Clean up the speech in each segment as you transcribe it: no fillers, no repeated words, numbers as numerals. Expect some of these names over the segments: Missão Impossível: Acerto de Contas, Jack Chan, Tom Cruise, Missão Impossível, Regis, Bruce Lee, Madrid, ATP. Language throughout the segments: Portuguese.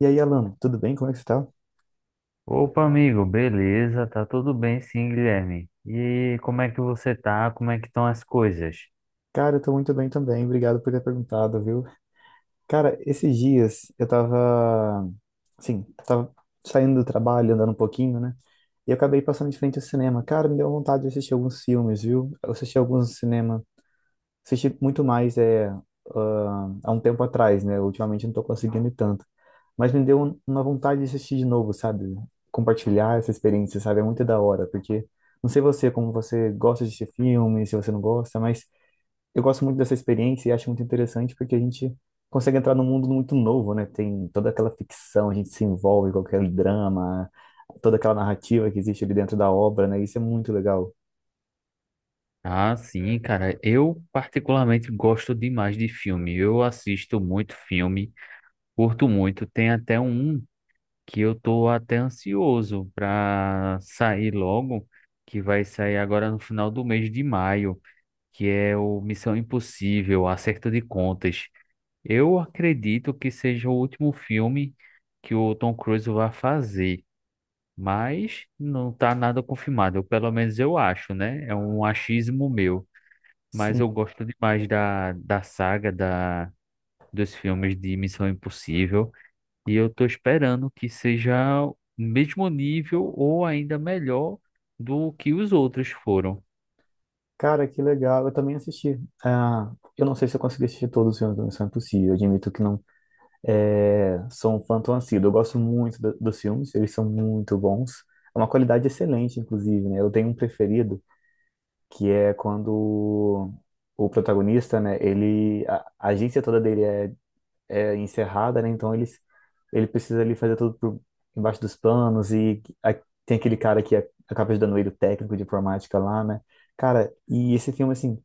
E aí, Alan, tudo bem? Como é que você tá? Opa, amigo, beleza? Tá tudo bem, sim, Guilherme. E como é que você tá? Como é que estão as coisas? Cara, eu tô muito bem também. Obrigado por ter perguntado, viu? Cara, esses dias eu tava, assim, tava saindo do trabalho, andando um pouquinho, né? E eu acabei passando de frente ao cinema. Cara, me deu vontade de assistir alguns filmes, viu? Eu assisti alguns no cinema. Assisti muito mais há um tempo atrás, né? Ultimamente eu não tô conseguindo ir tanto. Mas me deu uma vontade de assistir de novo, sabe? Compartilhar essa experiência, sabe? É muito da hora, porque não sei você, como você gosta de assistir filme, se você não gosta, mas eu gosto muito dessa experiência e acho muito interessante porque a gente consegue entrar num mundo muito novo, né? Tem toda aquela ficção, a gente se envolve com aquele drama, toda aquela narrativa que existe ali dentro da obra, né? Isso é muito legal. Ah, sim, cara. Eu particularmente gosto demais de filme. Eu assisto muito filme, curto muito. Tem até um que eu tô até ansioso pra sair logo, que vai sair agora no final do mês de maio, que é o Missão Impossível, Acerto de Contas. Eu acredito que seja o último filme que o Tom Cruise vai fazer, mas não está nada confirmado. Eu, pelo menos eu acho, né? É um achismo meu. Mas eu Sim, gosto demais da saga dos filmes de Missão Impossível. E eu tô esperando que seja o mesmo nível ou ainda melhor do que os outros foram. cara, que legal. Eu também assisti. Ah, eu não sei se eu consegui assistir todos os filmes do Missão Impossível. Eu admito que não é, sou um fã tão assíduo. Eu gosto muito dos filmes, eles são muito bons. É uma qualidade excelente, inclusive, né? Eu tenho um preferido que é quando o protagonista, né, ele a agência toda dele é encerrada, né? Ele precisa ali fazer tudo por embaixo dos panos e tem aquele cara que acaba ajudando ele, o técnico de informática lá, né? Cara, e esse filme assim,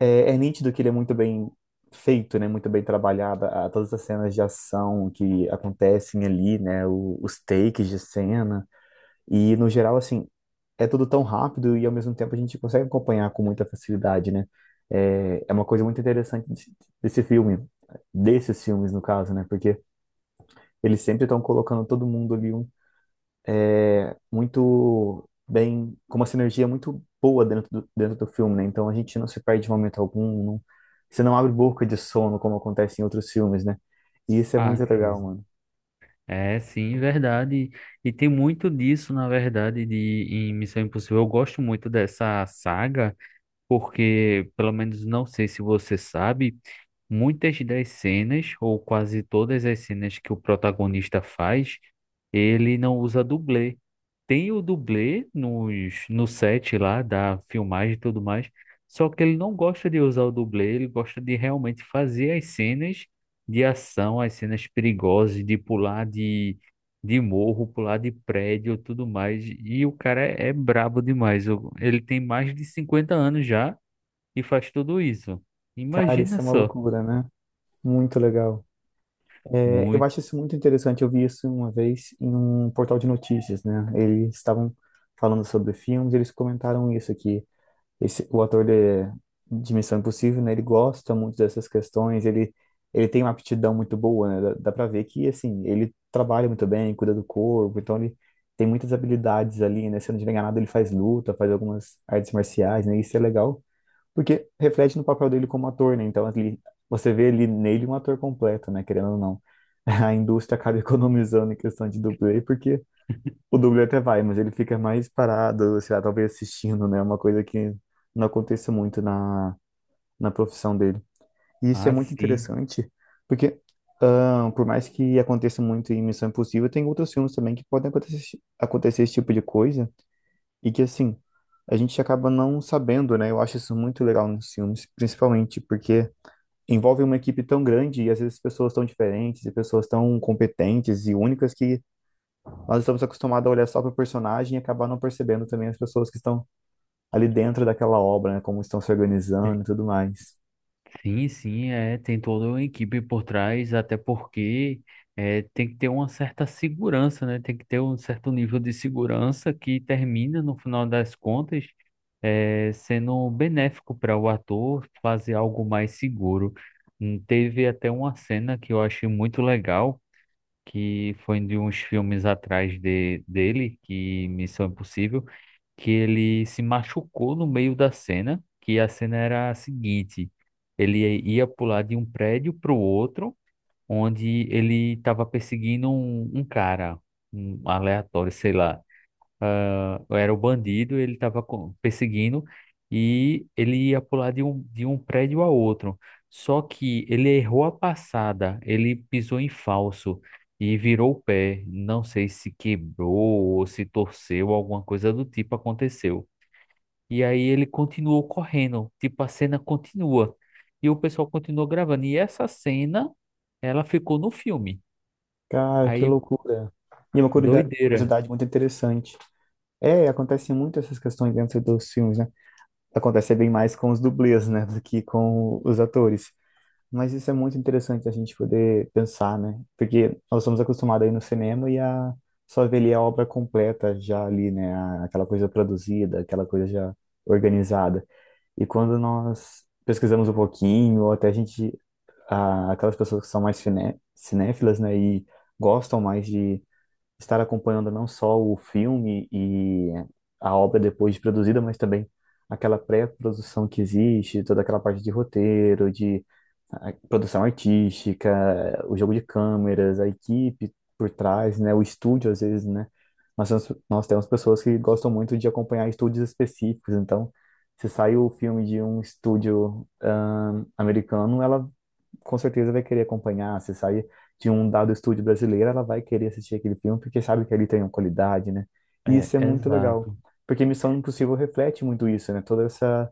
é nítido que ele é muito bem feito, né? Muito bem trabalhado, a, todas as cenas de ação que acontecem ali, né? O, os takes de cena. E no geral, assim, é tudo tão rápido e ao mesmo tempo a gente consegue acompanhar com muita facilidade, né? É, é uma coisa muito interessante desse filme, desses filmes no caso, né? Porque eles sempre estão colocando todo mundo ali um, muito bem, com uma sinergia muito boa dentro do filme, né? Então a gente não se perde de momento algum, não, você não abre boca de sono como acontece em outros filmes, né? E isso é muito Ah, legal, sim. mano. É, sim, verdade. E tem muito disso, na verdade, de em Missão Impossível. Eu gosto muito dessa saga, porque, pelo menos, não sei se você sabe. Muitas das cenas, ou quase todas as cenas que o protagonista faz, ele não usa dublê. Tem o dublê no set lá da filmagem e tudo mais, só que ele não gosta de usar o dublê, ele gosta de realmente fazer as cenas de ação, as cenas perigosas, de pular de morro, pular de prédio, tudo mais. E o cara é brabo demais. O- Ele tem mais de 50 anos já e faz tudo isso. Cara, Imagina isso é uma só. loucura, né? Muito legal. É, eu Muito. acho isso muito interessante. Eu vi isso uma vez em um portal de notícias, né? Eles estavam falando sobre filmes, eles comentaram isso aqui. Esse, o ator de Missão Impossível, né? Ele gosta muito dessas questões. Ele tem uma aptidão muito boa, né? Dá para ver que assim ele trabalha muito bem, cuida do corpo, então ele tem muitas habilidades ali, né? Se eu não estiver enganado, ele faz luta, faz algumas artes marciais, né? Isso é legal porque reflete no papel dele como ator, né? Então, ele, você vê ali nele um ator completo, né? Querendo ou não. A indústria acaba economizando em questão de dublê, porque o dublê até vai, mas ele fica mais parado, sei lá, talvez assistindo, né? Uma coisa que não acontece muito na profissão dele. E isso é Ah, muito sim. interessante, porque por mais que aconteça muito em Missão Impossível, tem outros filmes também que podem acontecer, acontecer esse tipo de coisa. E que, assim, a gente acaba não sabendo, né? Eu acho isso muito legal nos filmes, principalmente porque envolve uma equipe tão grande e às vezes pessoas tão diferentes e pessoas tão competentes e únicas que nós estamos acostumados a olhar só para o personagem e acabar não percebendo também as pessoas que estão ali dentro daquela obra, né? Como estão se organizando Te- e tudo mais. Sim, é, tem toda uma equipe por trás, até porque é, tem que ter uma certa segurança, né? Tem que ter um certo nível de segurança que termina, no final das contas, é, sendo benéfico para o ator fazer algo mais seguro. Teve até uma cena que eu achei muito legal, que foi de uns filmes atrás dele, que Missão Impossível que ele se machucou no meio da cena, que a cena era a seguinte: ele ia pular de um prédio para o outro, onde ele estava perseguindo um cara, um aleatório, sei lá. Ah, era o bandido, ele estava perseguindo e ele ia pular de de um prédio a outro. Só que ele errou a passada, ele pisou em falso e virou o pé. Não sei se quebrou ou se torceu, alguma coisa do tipo aconteceu. E aí ele continuou correndo, tipo, a cena continua. E o pessoal continuou gravando. E essa cena, ela ficou no filme. Cara, que Aí, loucura. E uma doideira. curiosidade muito interessante. É, acontecem muito essas questões dentro dos filmes, né? Acontece bem mais com os dublês, né? Do que com os atores. Mas isso é muito interessante a gente poder pensar, né? Porque nós somos acostumados aí no cinema e a só ver ali a obra completa já ali, né? A- Aquela coisa produzida, aquela coisa já organizada. E quando nós pesquisamos um pouquinho, ou até a gente, aquelas pessoas que são mais cinéfilas, né? E gostam mais de estar acompanhando não só o filme e a obra depois de produzida, mas também aquela pré-produção que existe, toda aquela parte de roteiro, de produção artística, o jogo de câmeras, a equipe por trás, né, o estúdio às vezes, né? Nós temos pessoas que gostam muito de acompanhar estúdios específicos, então se sai o filme de um estúdio americano, ela com certeza vai querer acompanhar. Se sair de um dado estúdio brasileiro, ela vai querer assistir aquele filme porque sabe que ali tem uma qualidade, né? E É, isso é muito legal, exato. porque Missão Impossível reflete muito isso, né? Toda essa,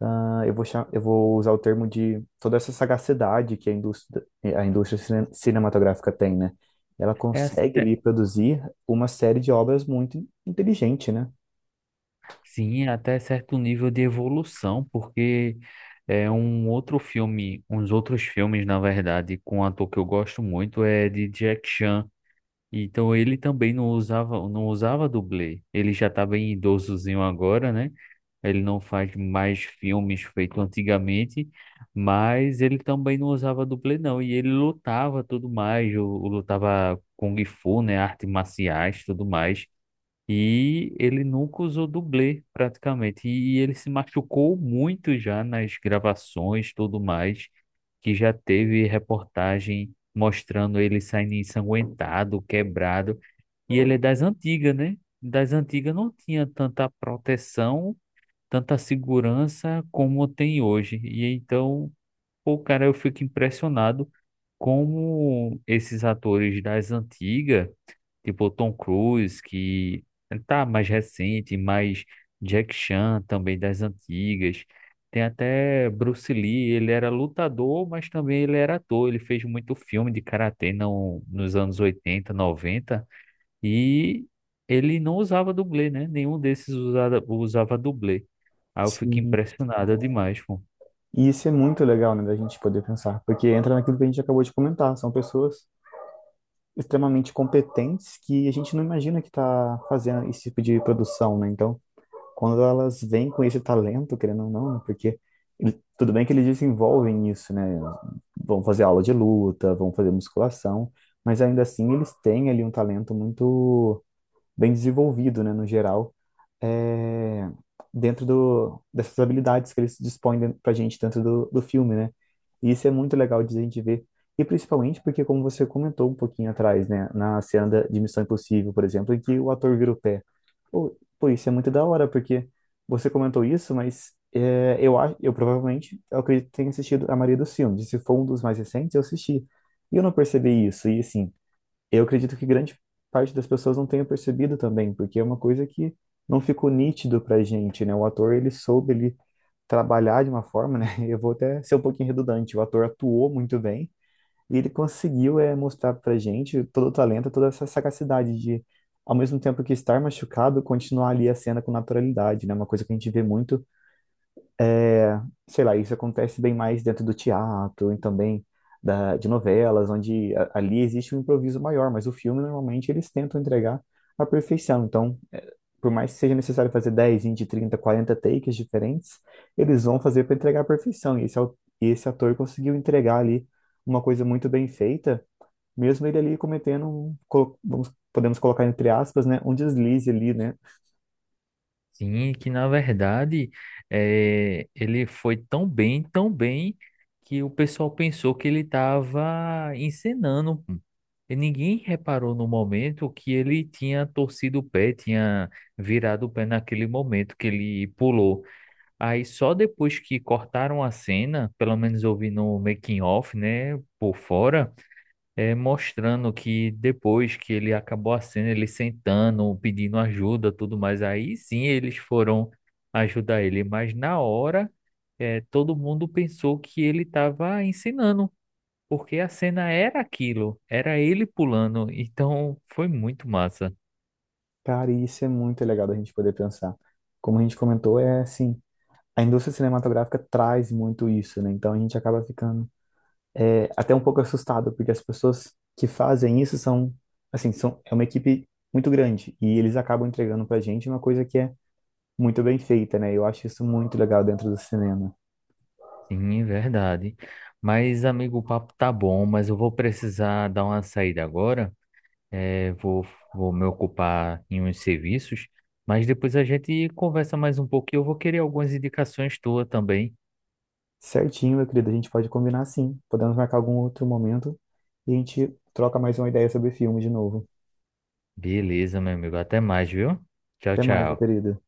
ah, eu vou usar o termo de toda essa sagacidade que a indústria cinematográfica tem, né? Ela É, consegue até- ali produzir uma série de obras muito inteligente, né? sim, é até certo nível de evolução, porque é um outro filme, uns outros filmes, na verdade, com um ator que eu gosto muito, é de Jack Chan. Então ele também não usava dublê. Ele já tá bem idosozinho agora, né? Ele não faz mais filmes feitos antigamente, mas ele também não usava dublê, não. E ele lutava tudo mais, o lutava Kung Fu, né? Artes marciais, tudo mais. E ele nunca usou dublê, praticamente. E ele se machucou muito já nas gravações, tudo mais, que já teve reportagem mostrando ele saindo ensanguentado, quebrado. E ele é das antigas, né? Das antigas não tinha tanta proteção, tanta segurança como tem hoje. E então pô, cara, eu fico impressionado como esses atores das antigas, tipo Tom Cruise, que tá mais recente, mais Jack Chan também das antigas. Tem até Bruce Lee, ele era lutador, mas também ele era ator. Ele fez muito filme de karatê no, nos anos 80, 90 e ele não usava dublê, né? Nenhum desses usava dublê. Aí eu fico Sim. impressionado demais, pô. E isso é muito legal, né, da gente poder pensar, porque entra naquilo que a gente acabou de comentar, são pessoas extremamente competentes que a gente não imagina que está fazendo esse tipo de produção, né? Então, quando elas vêm com esse talento, querendo ou não, né? Porque tudo bem que eles desenvolvem isso, né? Vão fazer aula de luta, vão fazer musculação, mas ainda assim eles têm ali um talento muito bem desenvolvido, né, no geral, é, dentro do, dessas habilidades que eles dispõem para a gente dentro do, do filme, né? E isso é muito legal de a gente ver. E principalmente porque, como você comentou um pouquinho atrás, né, na cena de Missão Impossível, por exemplo, em que o ator vira o pé. Pô, pô, isso é muito da hora, porque você comentou isso, mas é, eu, eu provavelmente, eu acredito que tenha assistido a maioria dos filmes. E se for um dos mais recentes, eu assisti. E eu não percebi isso. E assim, eu acredito que grande parte das pessoas não tenha percebido também, porque é uma coisa que não ficou nítido pra gente, né? O ator, ele trabalhar de uma forma, né? Eu vou até ser um pouquinho redundante. O ator atuou muito bem e ele conseguiu é, mostrar pra gente todo o talento, toda essa sagacidade de, ao mesmo tempo que estar machucado, continuar ali a cena com naturalidade, né? Uma coisa que a gente vê muito, sei lá, isso acontece bem mais dentro do teatro e também de novelas, onde ali existe um improviso maior, mas o filme normalmente eles tentam entregar a perfeição. Então, eh, por mais que seja necessário fazer 10, 20, 30, 40 takes diferentes, eles vão fazer para entregar a perfeição. E e esse ator conseguiu entregar ali uma coisa muito bem feita, mesmo ele ali cometendo, um, vamos, podemos colocar entre aspas, né, um deslize ali, né? Sim, que na verdade ele foi tão bem, que o pessoal pensou que ele estava encenando, pô. E ninguém reparou no momento que ele tinha torcido o pé, tinha virado o pé naquele momento que ele pulou. Aí só depois que cortaram a cena, pelo menos eu vi no making of, né, por fora é, mostrando que depois que ele acabou a cena, ele sentando, pedindo ajuda, tudo mais, aí sim eles foram ajudar ele, mas na hora é, todo mundo pensou que ele estava ensinando, porque a cena era aquilo, era ele pulando, então foi muito massa. Cara, e isso é muito legal da gente poder pensar. Como a gente comentou, é assim. A indústria cinematográfica traz muito isso, né? Então a gente acaba ficando é, até um pouco assustado, porque as pessoas que fazem isso são, assim, são, é uma equipe muito grande e eles acabam entregando pra gente uma coisa que é muito bem feita, né? Eu acho isso muito legal dentro do cinema. Sim, é verdade. Mas, amigo, o papo tá bom, mas eu vou precisar dar uma saída agora. É, vou me ocupar em uns serviços, mas depois a gente conversa mais um pouco e eu vou querer algumas indicações tuas também. Certinho, meu querido, a gente pode combinar sim. Podemos marcar algum outro momento e a gente troca mais uma ideia sobre filme de novo. Beleza, meu amigo. Até mais, viu? Tchau, Até mais, meu tchau. querido.